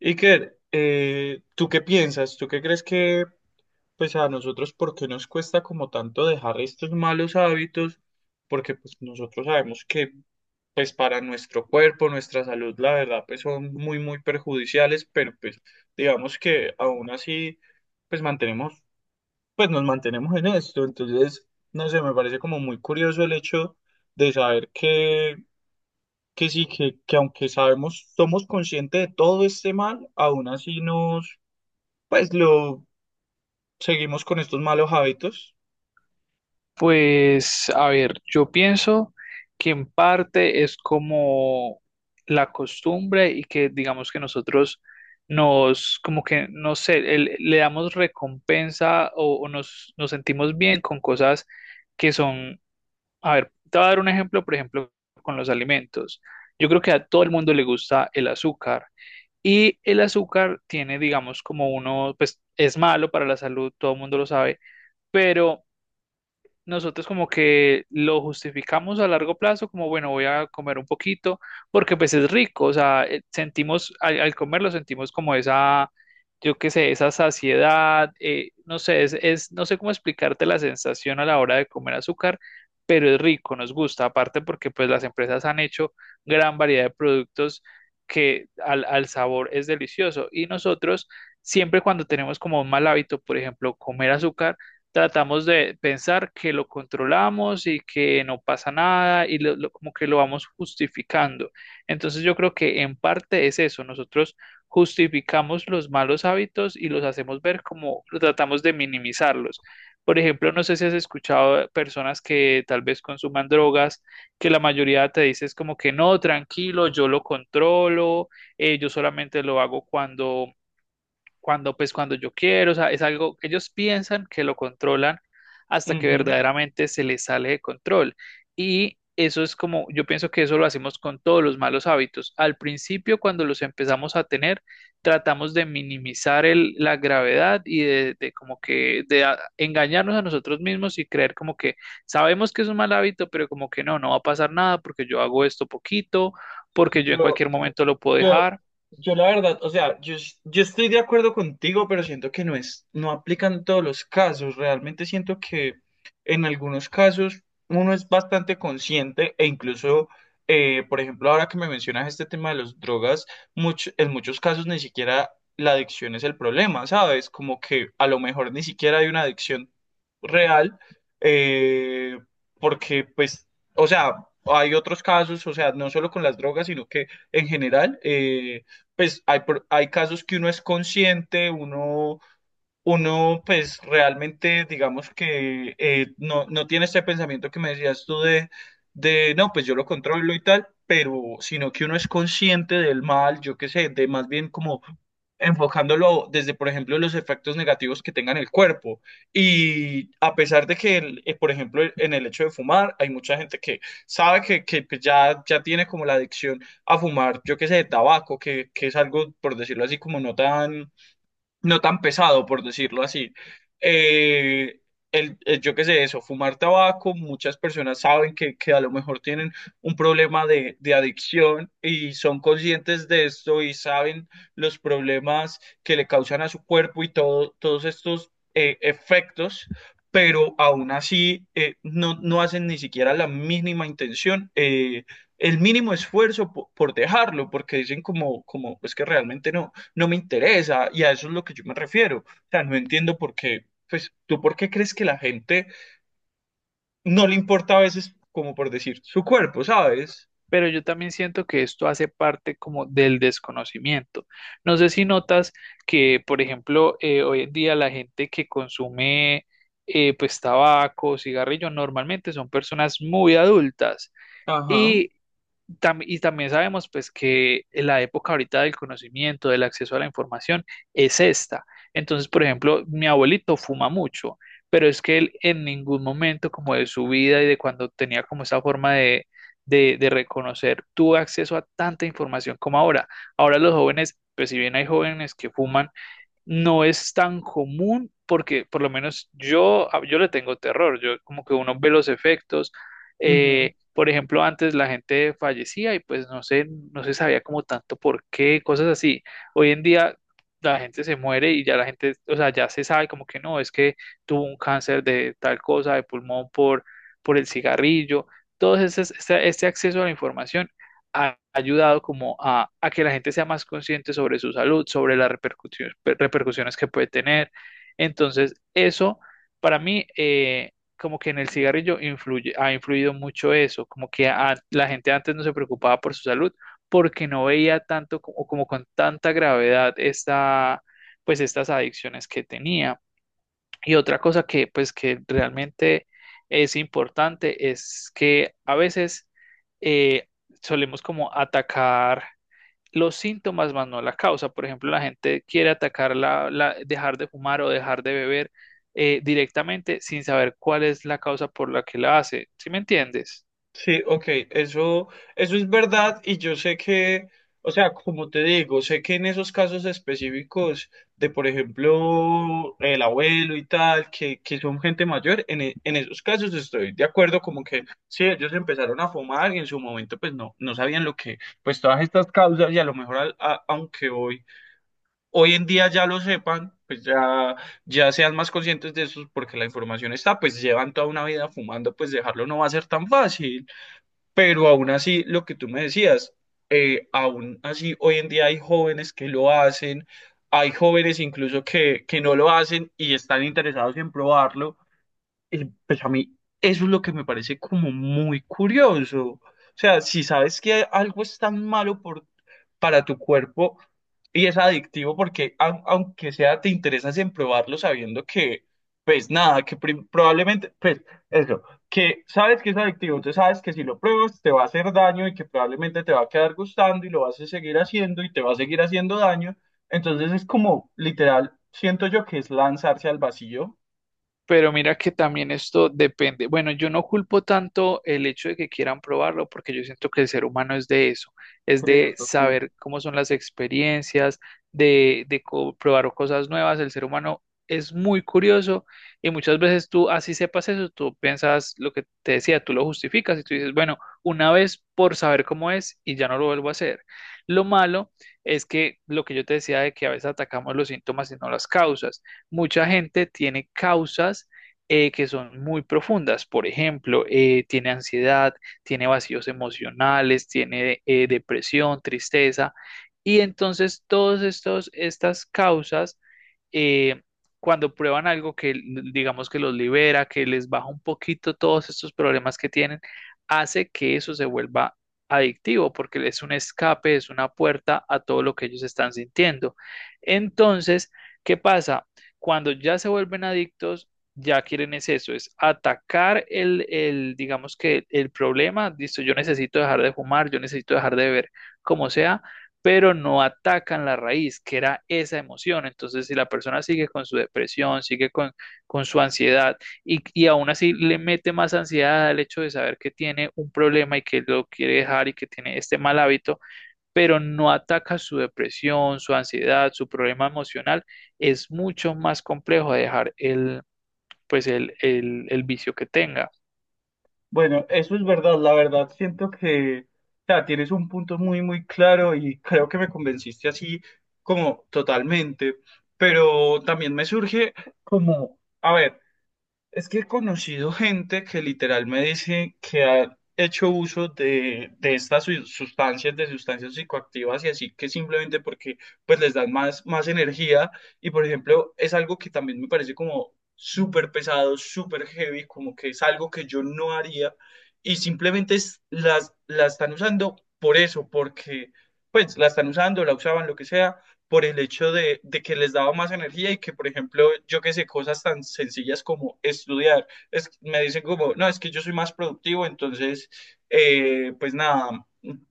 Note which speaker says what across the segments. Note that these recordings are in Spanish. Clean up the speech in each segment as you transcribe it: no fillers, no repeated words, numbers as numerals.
Speaker 1: Iker, ¿tú qué piensas? ¿Tú qué crees que, pues a nosotros, por qué nos cuesta como tanto dejar estos malos hábitos? Porque pues nosotros sabemos que, pues para nuestro cuerpo, nuestra salud, la verdad, pues son muy, muy perjudiciales, pero pues digamos que aún así, pues nos mantenemos en esto. Entonces, no sé, me parece como muy curioso el hecho de saber que sí, que aunque sabemos, somos conscientes de todo este mal, aún así nos pues lo seguimos con estos malos hábitos.
Speaker 2: Pues, a ver, yo pienso que en parte es como la costumbre y que digamos que nosotros nos, como que, no sé, le damos recompensa o nos sentimos bien con cosas que son, a ver, te voy a dar un ejemplo, por ejemplo, con los alimentos. Yo creo que a todo el mundo le gusta el azúcar y el azúcar tiene, digamos, como uno, pues es malo para la salud, todo el mundo lo sabe, pero nosotros como que lo justificamos a largo plazo, como bueno, voy a comer un poquito, porque pues es rico, o sea, sentimos, al comerlo sentimos como esa, yo qué sé, esa saciedad, no sé, no sé cómo explicarte la sensación a la hora de comer azúcar, pero es rico, nos gusta, aparte porque pues las empresas han hecho gran variedad de productos que al sabor es delicioso y nosotros siempre cuando tenemos como un mal hábito, por ejemplo, comer azúcar, tratamos de pensar que lo controlamos y que no pasa nada y como que lo vamos justificando. Entonces yo creo que en parte es eso, nosotros justificamos los malos hábitos y los hacemos ver como tratamos de minimizarlos. Por ejemplo, no sé si has escuchado de personas que tal vez consuman drogas, que la mayoría te dice es como que no, tranquilo, yo lo controlo, yo solamente lo hago cuando yo quiero, o sea, es algo, ellos piensan que lo controlan hasta que
Speaker 1: Ujú.
Speaker 2: verdaderamente se les sale de control. Y eso es como, yo pienso que eso lo hacemos con todos los malos hábitos. Al principio, cuando los empezamos a tener, tratamos de minimizar la gravedad y de, como que engañarnos a nosotros mismos y creer como que sabemos que es un mal hábito, pero como que no, no va a pasar nada porque yo hago esto poquito, porque yo en
Speaker 1: Yo,
Speaker 2: cualquier momento lo puedo
Speaker 1: Yo,
Speaker 2: dejar.
Speaker 1: yo la verdad, o sea, yo, yo estoy de acuerdo contigo, pero siento que no es, no aplican todos los casos. Realmente siento que en algunos casos uno es bastante consciente e incluso, por ejemplo, ahora que me mencionas este tema de las drogas, en muchos casos ni siquiera la adicción es el problema, ¿sabes? Como que a lo mejor ni siquiera hay una adicción real, eh, porque pues, o sea, hay otros casos, o sea, no solo con las drogas, sino que en general. Pues hay, hay casos que uno es consciente, uno pues realmente digamos que no, no tiene este pensamiento que me decías tú de no, pues yo lo controlo y tal, pero sino que uno es consciente del mal, yo qué sé, de más bien como enfocándolo desde, por ejemplo, los efectos negativos que tenga en el cuerpo. Y a pesar de que, por ejemplo, en el hecho de fumar, hay mucha gente que sabe que pues, ya, ya tiene como la adicción a fumar, yo qué sé, de tabaco, que es algo, por decirlo así, como no tan pesado, por decirlo así. Eh, yo qué sé, eso, fumar tabaco, muchas personas saben que a lo mejor tienen un problema de adicción y son conscientes de esto y saben los problemas que le causan a su cuerpo y todo, todos estos efectos. Pero aún así no, no hacen ni siquiera la mínima intención, el mínimo esfuerzo por, dejarlo, porque dicen como, es que realmente no me interesa y a eso es lo que yo me refiero. O sea, no entiendo por qué, pues tú por qué crees que la gente no le importa a veces, como por decir, su cuerpo, ¿sabes?
Speaker 2: Pero yo también siento que esto hace parte como del desconocimiento. No sé si notas que, por ejemplo, hoy en día la gente que consume pues tabaco, cigarrillo, normalmente son personas muy adultas
Speaker 1: Ajá.
Speaker 2: y también sabemos pues que la época ahorita del conocimiento, del acceso a la información es esta. Entonces, por ejemplo, mi abuelito fuma mucho, pero es que él en ningún momento como de su vida y de cuando tenía como esa forma de, de reconocer, tuvo acceso a tanta información como ahora. Ahora los jóvenes, pues si bien hay jóvenes que fuman, no es tan común porque por lo menos yo, yo le tengo terror, yo como que uno ve los efectos.
Speaker 1: Ujú.
Speaker 2: Por ejemplo, antes la gente fallecía y pues no sé, no se sabía como tanto por qué, cosas así. Hoy en día la gente se muere y ya la gente, o sea, ya se sabe como que no, es que tuvo un cáncer de tal cosa, de pulmón por el cigarrillo. Este, acceso a la información ha ayudado como a que la gente sea más consciente sobre su salud, sobre las repercusiones que puede tener. Entonces, eso para mí, como que en el cigarrillo influye, ha influido mucho eso, como que la gente antes no se preocupaba por su salud porque no veía tanto co- o como con tanta gravedad esta, pues estas adicciones que tenía. Y otra cosa que pues que realmente es importante es que a veces eh, solemos como atacar los síntomas más no la causa. Por ejemplo, la gente quiere atacar dejar de fumar o dejar de beber, directamente sin saber cuál es la causa por la que la hace. ¿Sí me entiendes?
Speaker 1: Sí, ok, eso, eso es verdad y yo sé que, o sea, como te digo, sé que en esos casos específicos de, por ejemplo, el abuelo y tal, que son gente mayor, en esos casos estoy de acuerdo, como que sí, ellos empezaron a fumar y en su momento pues no, no sabían lo que, pues todas estas causas y a lo mejor aunque hoy en día ya lo sepan, pues ya, ya sean más conscientes de eso porque la información está, pues llevan toda una vida fumando, pues dejarlo no va a ser tan fácil. Pero aún así, lo que tú me decías, aún así hoy en día hay jóvenes que lo hacen, hay jóvenes incluso que no lo hacen y están interesados en probarlo. Y pues a mí eso es lo que me parece como muy curioso. O sea, si sabes que algo es tan malo por para tu cuerpo y es adictivo porque aunque sea te interesas en probarlo sabiendo que pues nada, que probablemente pues eso, que sabes que es adictivo, entonces sabes que si lo pruebas te va a hacer daño y que probablemente te va a quedar gustando y lo vas a seguir haciendo y te va a seguir haciendo daño, entonces es como literal, siento yo que es lanzarse al vacío.
Speaker 2: Pero mira que también esto depende. Bueno, yo no culpo tanto el hecho de que quieran probarlo, porque yo siento que el ser humano es de eso, es de
Speaker 1: Curioso, sí.
Speaker 2: saber cómo son las experiencias, de, probar cosas nuevas. El ser humano es muy curioso y muchas veces tú, así sepas eso, tú piensas lo que te decía, tú lo justificas y tú dices, bueno, una vez por saber cómo es y ya no lo vuelvo a hacer. Lo malo es que lo que yo te decía de que a veces atacamos los síntomas y no las causas, mucha gente tiene causas que son muy profundas. Por ejemplo, tiene ansiedad, tiene vacíos emocionales, tiene depresión, tristeza. Y entonces todas estas causas, eh, cuando prueban algo que digamos que los libera, que les baja un poquito todos estos problemas que tienen, hace que eso se vuelva adictivo, porque es un escape, es una puerta a todo lo que ellos están sintiendo. Entonces, ¿qué pasa? Cuando ya se vuelven adictos, ya quieren es eso, es atacar el digamos que el problema, listo, yo necesito dejar de fumar, yo necesito dejar de beber, como sea, pero no atacan la raíz, que era esa emoción. Entonces, si la persona sigue con su depresión, sigue con su ansiedad y aún así le mete más ansiedad al hecho de saber que tiene un problema y que lo quiere dejar y que tiene este mal hábito, pero no ataca su depresión, su ansiedad, su problema emocional, es mucho más complejo de dejar pues el vicio que tenga.
Speaker 1: Bueno, eso es verdad, la verdad. Siento que, o sea, tienes un punto muy, muy claro y creo que me convenciste así como totalmente, pero también me surge como, a ver. Es que he conocido gente que literal me dice que ha hecho uso de estas sustancias, de sustancias psicoactivas y así que simplemente porque pues les dan más, más energía y por ejemplo es algo que también me parece como súper pesado, súper heavy, como que es algo que yo no haría y simplemente la están usando por eso, porque pues la están usando, la usaban, lo que sea por el hecho de que les daba más energía y que, por ejemplo, yo que sé, cosas tan sencillas como estudiar, es, me dicen como, no, es que yo soy más productivo, entonces, pues nada,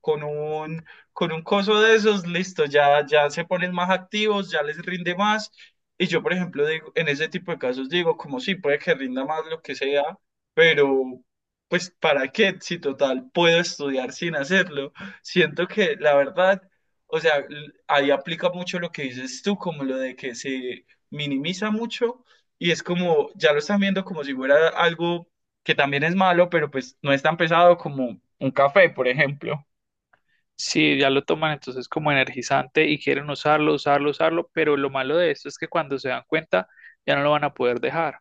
Speaker 1: con un, con un coso de esos, listo, ya, ya se ponen más activos, ya les rinde más. Y yo, por ejemplo, digo, en ese tipo de casos digo, como sí, puede que rinda más lo que sea, pero pues ¿para qué? Si total, puedo estudiar sin hacerlo. Siento que la verdad o sea, ahí aplica mucho lo que dices tú, como lo de que se minimiza mucho y es como, ya lo están viendo como si fuera algo que también es malo, pero pues no es tan pesado como un café, por ejemplo.
Speaker 2: Sí, ya lo toman entonces como energizante y quieren usarlo, usarlo, usarlo, pero lo malo de esto es que cuando se dan cuenta ya no lo van a poder dejar.